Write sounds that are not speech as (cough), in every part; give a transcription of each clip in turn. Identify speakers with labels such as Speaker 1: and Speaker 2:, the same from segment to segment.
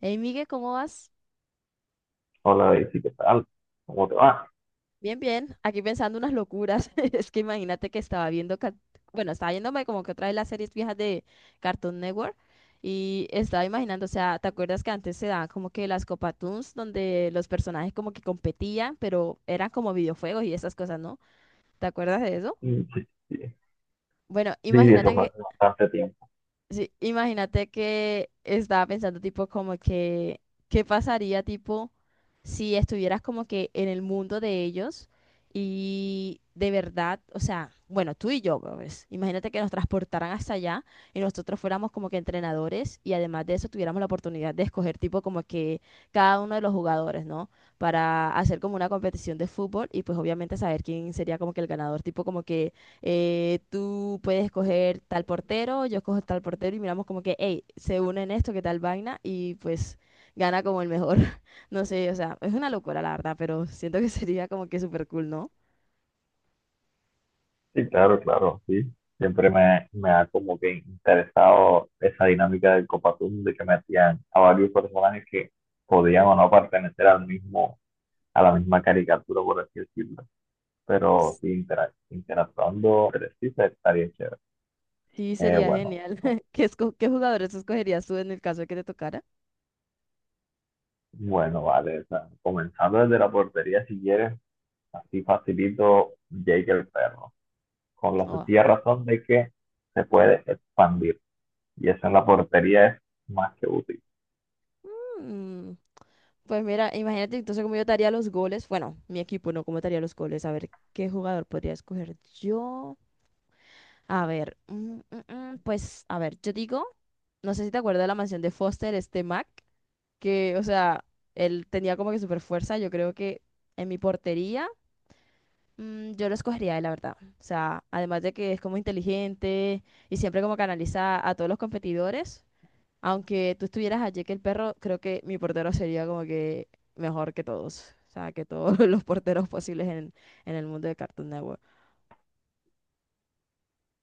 Speaker 1: Hey, Miguel, ¿cómo vas?
Speaker 2: Hola Daisy, ¿qué tal? ¿Cómo te va?
Speaker 1: Bien, bien. Aquí pensando unas locuras. (laughs) Es que imagínate que estaba viendo, bueno, estaba viéndome como que otra de las series viejas de Cartoon Network y estaba imaginando, o sea, ¿te acuerdas que antes se daban como que las Copa Toons donde los personajes como que competían, pero eran como videojuegos y esas cosas, ¿no? ¿Te acuerdas de eso?
Speaker 2: Mm, sí, sí, sí,
Speaker 1: Bueno,
Speaker 2: sí, eso fue
Speaker 1: imagínate.
Speaker 2: hace bastante tiempo.
Speaker 1: Sí, imagínate que estaba pensando tipo como que, ¿qué pasaría tipo si estuvieras como que en el mundo de ellos y de verdad, o sea, bueno, tú y yo, pues, imagínate que nos transportaran hasta allá y nosotros fuéramos como que entrenadores y además de eso tuviéramos la oportunidad de escoger tipo como que cada uno de los jugadores, ¿no? Para hacer como una competición de fútbol y pues obviamente saber quién sería como que el ganador, tipo como que tú puedes coger tal portero, yo cojo tal portero y miramos como que, hey, se unen esto, qué tal vaina, y pues gana como el mejor. (laughs) No sé, o sea, es una locura la verdad, pero siento que (laughs) sería como que súper cool, ¿no?
Speaker 2: Sí, claro, claro, sí. Siempre me ha como que interesado esa dinámica del Copatún de que metían a varios personajes que podían o no pertenecer al mismo, a la misma caricatura, por así decirlo. Pero
Speaker 1: S-
Speaker 2: sí, interactuando entre sí estaría chévere.
Speaker 1: Sí, sería
Speaker 2: Bueno,
Speaker 1: genial.
Speaker 2: no.
Speaker 1: (laughs) ¿Qué jugadores escogerías tú en el caso de que te tocara?
Speaker 2: Bueno, vale. O sea, comenzando desde la portería, si quieres, así facilito Jake el perro, con la
Speaker 1: Oh.
Speaker 2: sencilla razón de que se puede expandir. Y eso en la portería es más que útil.
Speaker 1: Mm, pues mira, imagínate entonces cómo yo te haría los goles. Bueno, mi equipo no, cómo te haría los goles. A ver, ¿qué jugador podría escoger yo? A ver, pues, a ver, yo digo, no sé si te acuerdas de la mansión de Foster, este Mac, que, o sea, él tenía como que super fuerza. Yo creo que en mi portería, yo lo escogería, a él, la verdad. O sea, además de que es como inteligente y siempre como canaliza a todos los competidores. Aunque tú estuvieras allí que el perro, creo que mi portero sería como que mejor que todos. O sea, que todos (laughs) los porteros posibles en el mundo de Cartoon Network.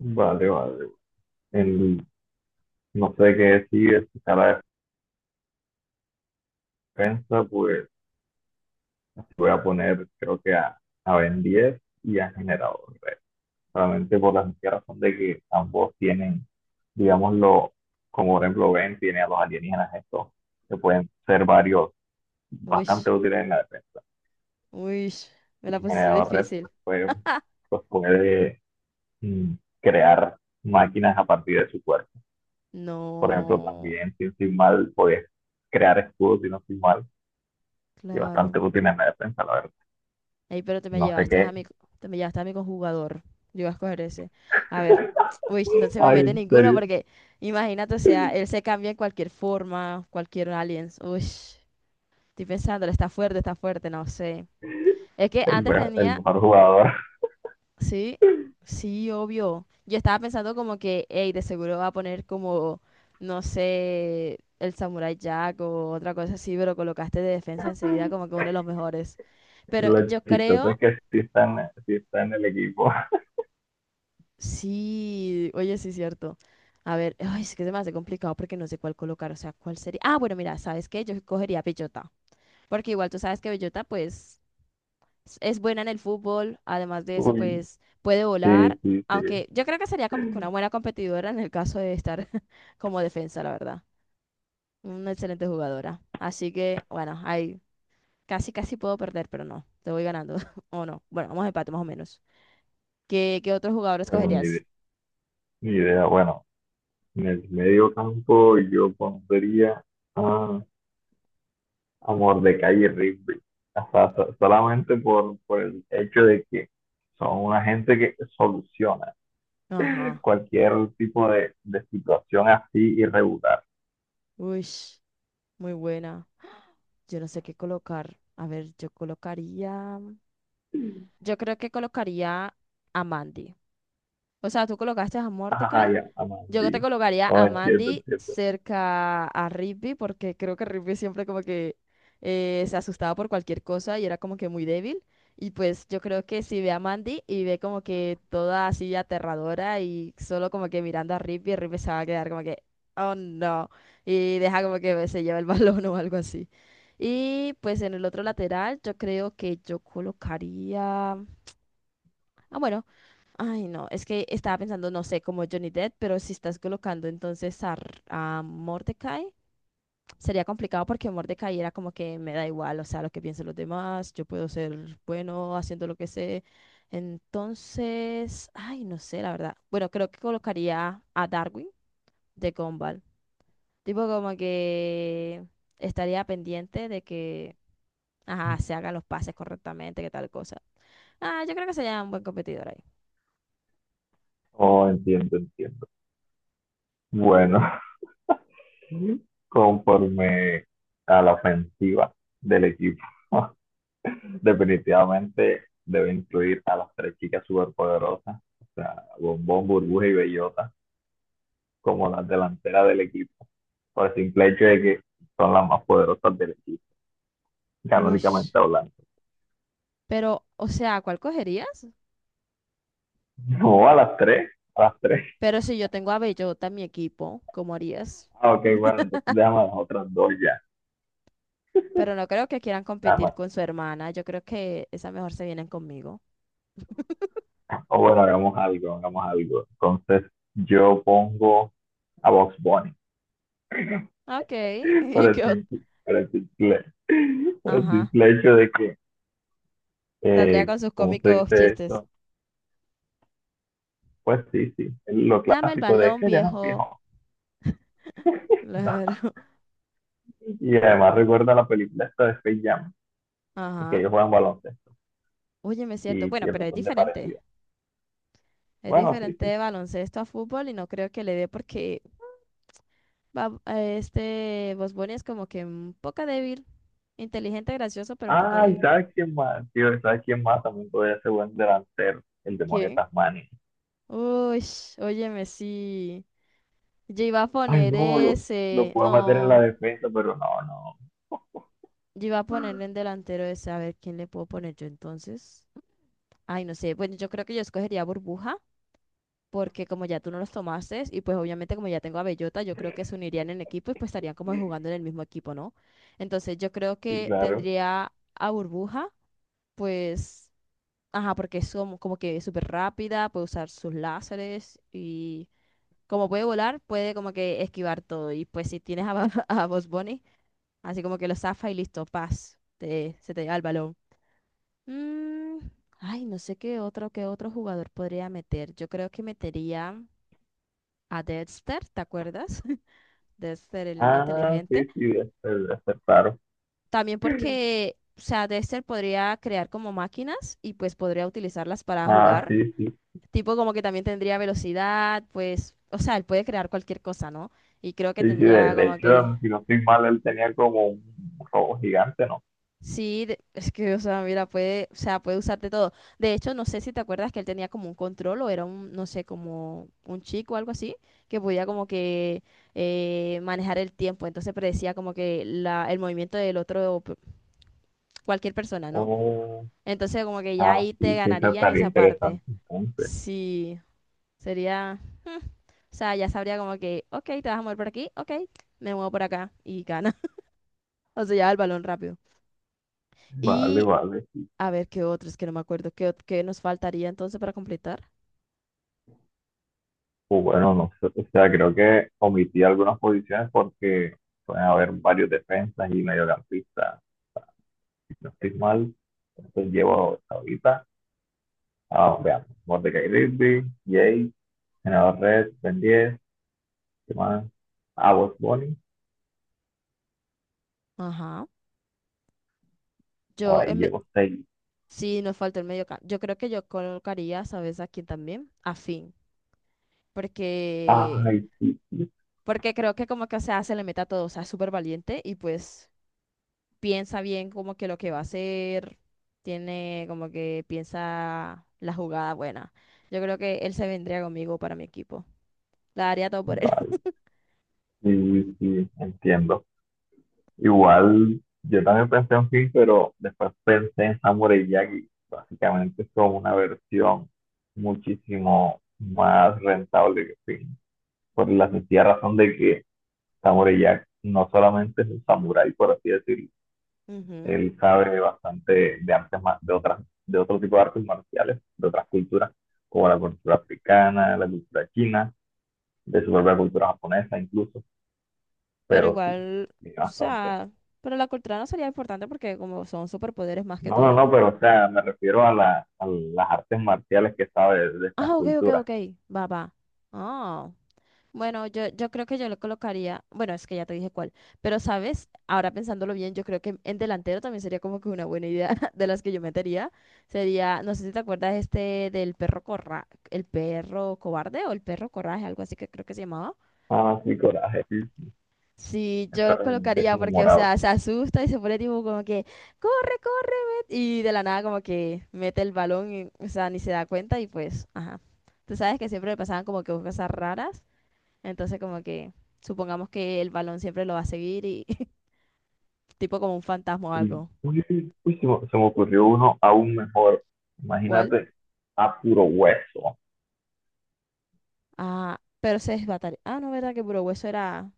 Speaker 2: Vale, vale. En- no sé qué decir. Si la defensa, pues voy a poner creo que a Ben 10 y a Generador Red. Solamente por la sencilla razón de que ambos tienen, digámoslo, como por ejemplo Ben tiene a los alienígenas estos, que pueden ser varios
Speaker 1: Uy,
Speaker 2: bastante útiles en la defensa.
Speaker 1: uy, me la
Speaker 2: Y
Speaker 1: pusiste
Speaker 2: Generador Red
Speaker 1: difícil.
Speaker 2: pues puede Mm, crear máquinas a partir de su cuerpo. Por ejemplo,
Speaker 1: No,
Speaker 2: también, si no estoy mal, podías crear escudos, si no estoy mal, y bastante
Speaker 1: claro.
Speaker 2: útil en la defensa, la verdad.
Speaker 1: Ey, pero te me
Speaker 2: No sé
Speaker 1: llevaste
Speaker 2: qué.
Speaker 1: a mi, te me llevaste a mi conjugador. Yo iba a escoger ese. A ver, (tsk) uy, no se me
Speaker 2: Ay,
Speaker 1: mete
Speaker 2: en
Speaker 1: ninguno
Speaker 2: serio.
Speaker 1: porque imagínate, o sea, él se cambia en cualquier forma, cualquier aliens. Uy, estoy pensando, está fuerte, no sé. Es que
Speaker 2: El,
Speaker 1: antes
Speaker 2: me- el
Speaker 1: tenía.
Speaker 2: mejor jugador.
Speaker 1: Sí, sí, obvio. Yo estaba pensando como que, hey, de seguro va a poner como, no sé, el Samurai Jack o otra cosa así, pero colocaste de defensa enseguida como que uno de los mejores.
Speaker 2: (laughs)
Speaker 1: Pero
Speaker 2: Lo
Speaker 1: yo
Speaker 2: chistoso
Speaker 1: creo,
Speaker 2: es que sí está en el equipo.
Speaker 1: sí, oye, sí, cierto. A ver, ay, es que se me hace complicado porque no sé cuál colocar, o sea, cuál sería. Ah, bueno, mira, ¿sabes qué? Yo cogería Bellota, porque igual tú sabes que Bellota, pues es buena en el fútbol, además
Speaker 2: (laughs)
Speaker 1: de eso,
Speaker 2: Uy,
Speaker 1: pues puede
Speaker 2: sí,
Speaker 1: volar,
Speaker 2: sí, sí.
Speaker 1: aunque yo creo que sería como que una buena competidora en el caso de estar (laughs) como defensa, la verdad. Una excelente jugadora. Así que, bueno, ahí casi, casi puedo perder, pero no, te voy ganando, (laughs) o no. Bueno, vamos a empate más o menos. ¿Qué otro jugador
Speaker 2: Bueno,
Speaker 1: escogerías?
Speaker 2: ni idea. Bueno, en el medio campo yo pondría a Amor de calle Rigby. O sea, solamente por el hecho de que son una gente que soluciona
Speaker 1: Ajá,
Speaker 2: cualquier tipo de situación así irregular.
Speaker 1: uy, muy buena. Yo no sé qué colocar. A ver, yo colocaría... Yo creo que colocaría a Mandy. O sea, ¿tú colocaste a
Speaker 2: Ajá,
Speaker 1: Mordecai?
Speaker 2: ya,
Speaker 1: Yo que te
Speaker 2: Amandi.
Speaker 1: colocaría
Speaker 2: Oh,
Speaker 1: a
Speaker 2: entiendo,
Speaker 1: Mandy
Speaker 2: entiendo.
Speaker 1: cerca a Rigby, porque creo que Rigby siempre como que se asustaba por cualquier cosa y era como que muy débil. Y pues yo creo que si ve a Mandy y ve como que toda así aterradora y solo como que mirando a Rigby, Rigby se va a quedar como que, oh no, y deja como que se lleva el (laughs) balón o algo así. Y pues en el otro lateral yo creo que yo colocaría... Ah, bueno. Ay, no, es que estaba pensando, no sé, como Johnny Depp, pero si estás colocando entonces a, a Mordecai, sería complicado porque Mordecai era como que me da igual, o sea, lo que piensen los demás, yo puedo ser bueno haciendo lo que sé. Entonces, ay, no sé, la verdad. Bueno, creo que colocaría a Darwin de Gumball. Tipo como que estaría pendiente de que, ajá, se hagan los pases correctamente, que tal cosa. Ah, yo creo que sería un buen competidor ahí.
Speaker 2: Oh, entiendo, entiendo. Bueno, (laughs) conforme a la ofensiva del equipo, (laughs) definitivamente debe incluir a las tres chicas superpoderosas, o sea, Bombón, Burbuja y Bellota, como las delanteras del equipo, por el simple hecho de que son las más poderosas del equipo,
Speaker 1: Uy.
Speaker 2: canónicamente hablando.
Speaker 1: Pero, o sea, ¿cuál cogerías?
Speaker 2: No, a las tres, a las tres.
Speaker 1: Pero si yo tengo a Bellota en mi equipo, ¿cómo harías?
Speaker 2: Ah, ok, bueno, entonces déjame a las otras dos ya.
Speaker 1: Pero no creo que quieran competir
Speaker 2: Nada.
Speaker 1: con su hermana. Yo creo que esa mejor se vienen conmigo.
Speaker 2: O bueno, hagamos algo, hagamos algo. Entonces yo pongo a Box Bunny
Speaker 1: Ah, ok. (laughs)
Speaker 2: por
Speaker 1: Y que...
Speaker 2: el simple, por el simple, por el
Speaker 1: ajá,
Speaker 2: simple hecho de que,
Speaker 1: saldría con sus
Speaker 2: ¿cómo se
Speaker 1: cómicos
Speaker 2: dice
Speaker 1: chistes.
Speaker 2: eso? Pues sí, sí, lo
Speaker 1: Dame el
Speaker 2: clásico de
Speaker 1: balón,
Speaker 2: que ya no,
Speaker 1: viejo.
Speaker 2: viejo. No.
Speaker 1: Claro. (laughs)
Speaker 2: Y además recuerda la película esta de Space Jam, en que
Speaker 1: Ajá.
Speaker 2: ellos juegan baloncesto
Speaker 1: Óyeme, es cierto.
Speaker 2: y
Speaker 1: Bueno,
Speaker 2: tiene un
Speaker 1: pero es
Speaker 2: montón de
Speaker 1: diferente.
Speaker 2: parecido.
Speaker 1: Es
Speaker 2: Bueno, sí,
Speaker 1: diferente
Speaker 2: sí,
Speaker 1: de baloncesto a fútbol y no creo que le dé porque este Bosboni es como que un poco débil. Inteligente, gracioso, pero un poco
Speaker 2: ay,
Speaker 1: débil.
Speaker 2: ¿sabes quién más? Tío, ¿sabes quién más? También podría ser buen delantero, el demonio
Speaker 1: ¿Quién?
Speaker 2: Tasmania.
Speaker 1: Uy, óyeme, sí. Yo iba a
Speaker 2: Ay,
Speaker 1: poner
Speaker 2: no, lo
Speaker 1: ese.
Speaker 2: puedo meter en la
Speaker 1: No,
Speaker 2: defensa, pero no, no.
Speaker 1: yo iba a ponerle en delantero ese. A ver, ¿quién le puedo poner yo entonces? Ay, no sé. Bueno, yo creo que yo escogería burbuja, porque como ya tú no los tomaste, y pues obviamente como ya tengo a Bellota, yo creo que se unirían en equipo y pues estarían como jugando en el mismo equipo, ¿no? Entonces yo creo
Speaker 2: Sí,
Speaker 1: que
Speaker 2: claro.
Speaker 1: tendría a burbuja, pues, ajá, porque es como, como que súper rápida, puede usar sus láseres y... como puede volar, puede como que esquivar todo. Y pues si tienes a, (laughs) a Bugs Bunny, así como que lo zafa y listo, paz, se te lleva el balón. Mm, ay, no sé qué otro jugador podría meter. Yo creo que metería a Dexter, ¿te acuerdas? (laughs) Dexter, el niño
Speaker 2: Ah,
Speaker 1: inteligente.
Speaker 2: sí, sí, debe ser, claro.
Speaker 1: También porque, o sea, Dexter podría crear como máquinas y pues podría utilizarlas para
Speaker 2: Ah,
Speaker 1: jugar.
Speaker 2: sí, sí.
Speaker 1: Tipo como que también tendría velocidad, pues, o sea, él puede crear cualquier cosa, ¿no? Y creo que
Speaker 2: Sí, sí, de,
Speaker 1: tendría
Speaker 2: de
Speaker 1: como que.
Speaker 2: hecho, si no estoy mal, él tenía como un robo gigante, ¿no?
Speaker 1: Sí, es que, o sea, mira, puede, o sea, puede usarte todo. De hecho, no sé si te acuerdas que él tenía como un control o era un, no sé, como un chico o algo así, que podía como que manejar el tiempo. Entonces predecía como que el movimiento del otro, cualquier persona, ¿no?
Speaker 2: Oh,
Speaker 1: Entonces como que ya
Speaker 2: ah,
Speaker 1: ahí te
Speaker 2: sí, sí, esa
Speaker 1: ganaría en
Speaker 2: estaría
Speaker 1: esa parte.
Speaker 2: interesante entonces.
Speaker 1: Sí, sería, (laughs) o sea, ya sabría como que, ok, te vas a mover por aquí, ok, me muevo por acá y gana. (laughs) O sea, ya el balón rápido.
Speaker 2: Vale,
Speaker 1: Y
Speaker 2: vale, sí.
Speaker 1: a ver, ¿qué otros? Que no me acuerdo. ¿Qué nos faltaría entonces para completar?
Speaker 2: Pues bueno, no sé, o sea, creo que omití algunas posiciones porque pueden haber varios defensas y mediocampistas si no estoy mal. Entonces llevo hasta ahorita. Ah, veamos. Mordecai, Rigby, Jay, Senador Red, Ben 10, ¿qué más? Ah, Bugs Bunny.
Speaker 1: Ajá.
Speaker 2: Por
Speaker 1: Yo,
Speaker 2: ahí
Speaker 1: en me-
Speaker 2: llevo seis.
Speaker 1: sí, nos falta el medio campo. Yo creo que yo colocaría, ¿sabes a quién también? A Finn. Porque,
Speaker 2: Ay, sí, sí,
Speaker 1: porque creo que como que o sea, se le mete a todo. O sea, es súper valiente y pues piensa bien como que lo que va a hacer. Tiene como que piensa la jugada buena. Yo creo que él se vendría conmigo para mi equipo. La daría todo por él.
Speaker 2: vale. Sí, sí, entiendo. Igual, yo también pensé en Finn, pero después pensé en Samurai Jack y básicamente es como una versión muchísimo más rentable que Finn. Por la sencilla razón de que Samurai Jack no solamente es un samurái, por así decirlo.
Speaker 1: (laughs) Ujú.
Speaker 2: Él sabe bastante de artes, ma- de otras, de otro tipo de artes marciales, de otras culturas, como la cultura africana, la cultura china, de su propia cultura japonesa incluso,
Speaker 1: Pero
Speaker 2: pero sí,
Speaker 1: igual,
Speaker 2: sí,
Speaker 1: o
Speaker 2: bastante.
Speaker 1: sea, pero la cultura no sería importante porque como son superpoderes más que
Speaker 2: No, no,
Speaker 1: todo,
Speaker 2: no,
Speaker 1: ¿no?
Speaker 2: pero o sea, me refiero a a las artes marciales que sabe de estas
Speaker 1: Ah, ok, ok,
Speaker 2: culturas.
Speaker 1: ok, va, va. Ah, bueno, yo creo que yo le colocaría, bueno, es que ya te dije cuál, pero sabes, ahora pensándolo bien, yo creo que en delantero también sería como que una buena idea (laughs) de las que yo metería. Sería, no sé si te acuerdas este del perro corra, el perro cobarde o el perro coraje, algo así que creo que se llamaba.
Speaker 2: Ah, sí, coraje, sí.
Speaker 1: Sí, yo
Speaker 2: Me
Speaker 1: lo
Speaker 2: remonté
Speaker 1: colocaría
Speaker 2: como
Speaker 1: porque, o
Speaker 2: morado.
Speaker 1: sea, se asusta y se pone tipo como que, corre, corre, y de la nada como que mete el balón, y, o sea, ni se da cuenta y pues, ajá. Tú sabes que siempre le pasaban como que cosas raras, entonces como que supongamos que el balón siempre lo va a seguir y (laughs) tipo como un fantasma o
Speaker 2: Uy,
Speaker 1: algo.
Speaker 2: uy, uy, uy, se me ocurrió uno aún mejor.
Speaker 1: ¿Cuál?
Speaker 2: Imagínate a puro hueso.
Speaker 1: Ah, pero se desbataría. Ah, no, verdad que puro hueso era...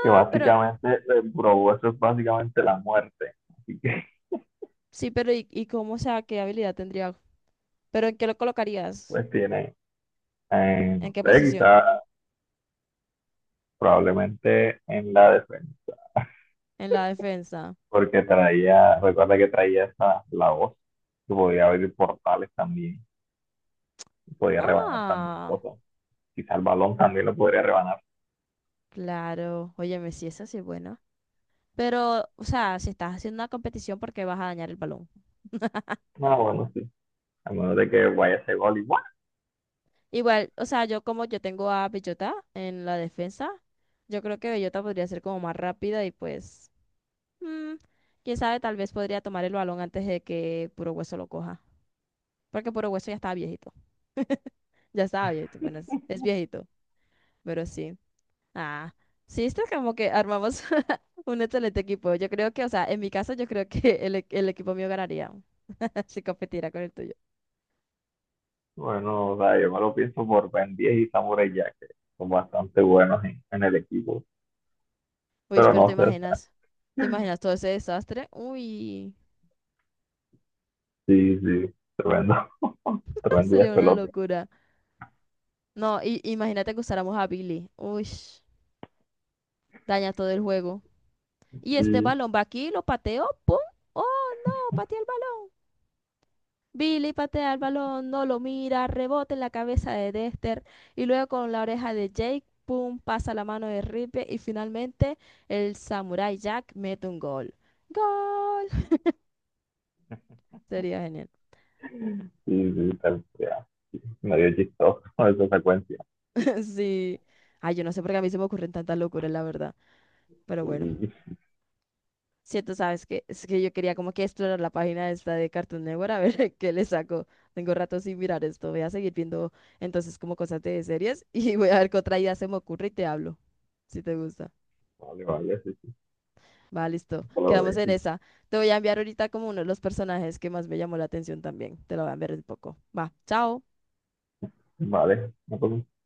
Speaker 2: Que
Speaker 1: pero
Speaker 2: básicamente, bro, eso es básicamente la muerte. Así que
Speaker 1: sí, pero ¿y cómo, o sea, qué habilidad tendría? ¿Pero en qué lo colocarías?
Speaker 2: pues tiene,
Speaker 1: ¿En
Speaker 2: no
Speaker 1: qué
Speaker 2: sé,
Speaker 1: posición?
Speaker 2: quizás probablemente en la defensa,
Speaker 1: En la defensa.
Speaker 2: porque traía, recuerda que traía esa, la voz, que podía abrir portales también, y podía rebanar también
Speaker 1: Ah.
Speaker 2: cosas. Quizás el balón también lo podría rebanar.
Speaker 1: Claro, óyeme, sí, eso sí es bueno. Pero, o sea, si estás haciendo una competición, ¿por qué vas a dañar el balón?
Speaker 2: No, bueno, sí. A menos de que vaya ese gol y,
Speaker 1: Igual, o sea, yo como yo tengo a Bellota en la defensa, yo creo que Bellota podría ser como más rápida y pues, mm, quién sabe, tal vez podría tomar el balón antes de que Puro Hueso lo coja. Porque Puro Hueso ya estaba viejito. Ya estaba viejito, bueno, es viejito, pero sí. Ah, sí, esto es como que armamos (laughs) un excelente equipo. Yo creo que, o sea, en mi caso, yo creo que el equipo mío ganaría (laughs) si competiera con el tuyo.
Speaker 2: bueno, o sea, yo me lo pienso por Ben 10 y Samurai Jack, que son bastante buenos en el equipo.
Speaker 1: Uy,
Speaker 2: Pero
Speaker 1: pero
Speaker 2: no sé, o sea,
Speaker 1: te imaginas todo ese desastre. Uy,
Speaker 2: sí, sí, tremendo, (laughs)
Speaker 1: (laughs)
Speaker 2: tremendo
Speaker 1: sería una
Speaker 2: despelote.
Speaker 1: locura. No, y, imagínate que usáramos a Billy. Uy, daña todo el juego. Y este
Speaker 2: Y
Speaker 1: balón va aquí, lo pateó, ¡pum! ¡Oh, no! Patea el balón. Billy patea el balón, no lo mira, rebota en la cabeza de Dexter. Y luego con la oreja de Jake, ¡pum! Pasa la mano de Ripley. Y finalmente el Samurai Jack mete un gol. ¡Gol! (laughs) Sería genial.
Speaker 2: Sí, sí, tal, ya. Medio chistoso (laughs) esa secuencia.
Speaker 1: (laughs) Sí. Ay, yo no sé por qué a mí se me ocurren tantas locuras, la verdad. Pero bueno,
Speaker 2: Sí,
Speaker 1: siento, sabes que es que yo quería como que explorar la página esta de Cartoon Network a ver (laughs) qué le saco. Tengo rato sin mirar esto. Voy a seguir viendo entonces como cosas de series (laughs) y voy a ver qué otra idea se me ocurre y te hablo. Si te gusta.
Speaker 2: vale, vale, sí, sí,
Speaker 1: Va, listo. Quedamos en esa. Te voy a enviar ahorita como uno de los personajes que más me llamó la atención también. Te lo voy a enviar un poco. Va, chao.
Speaker 2: vale, no pasa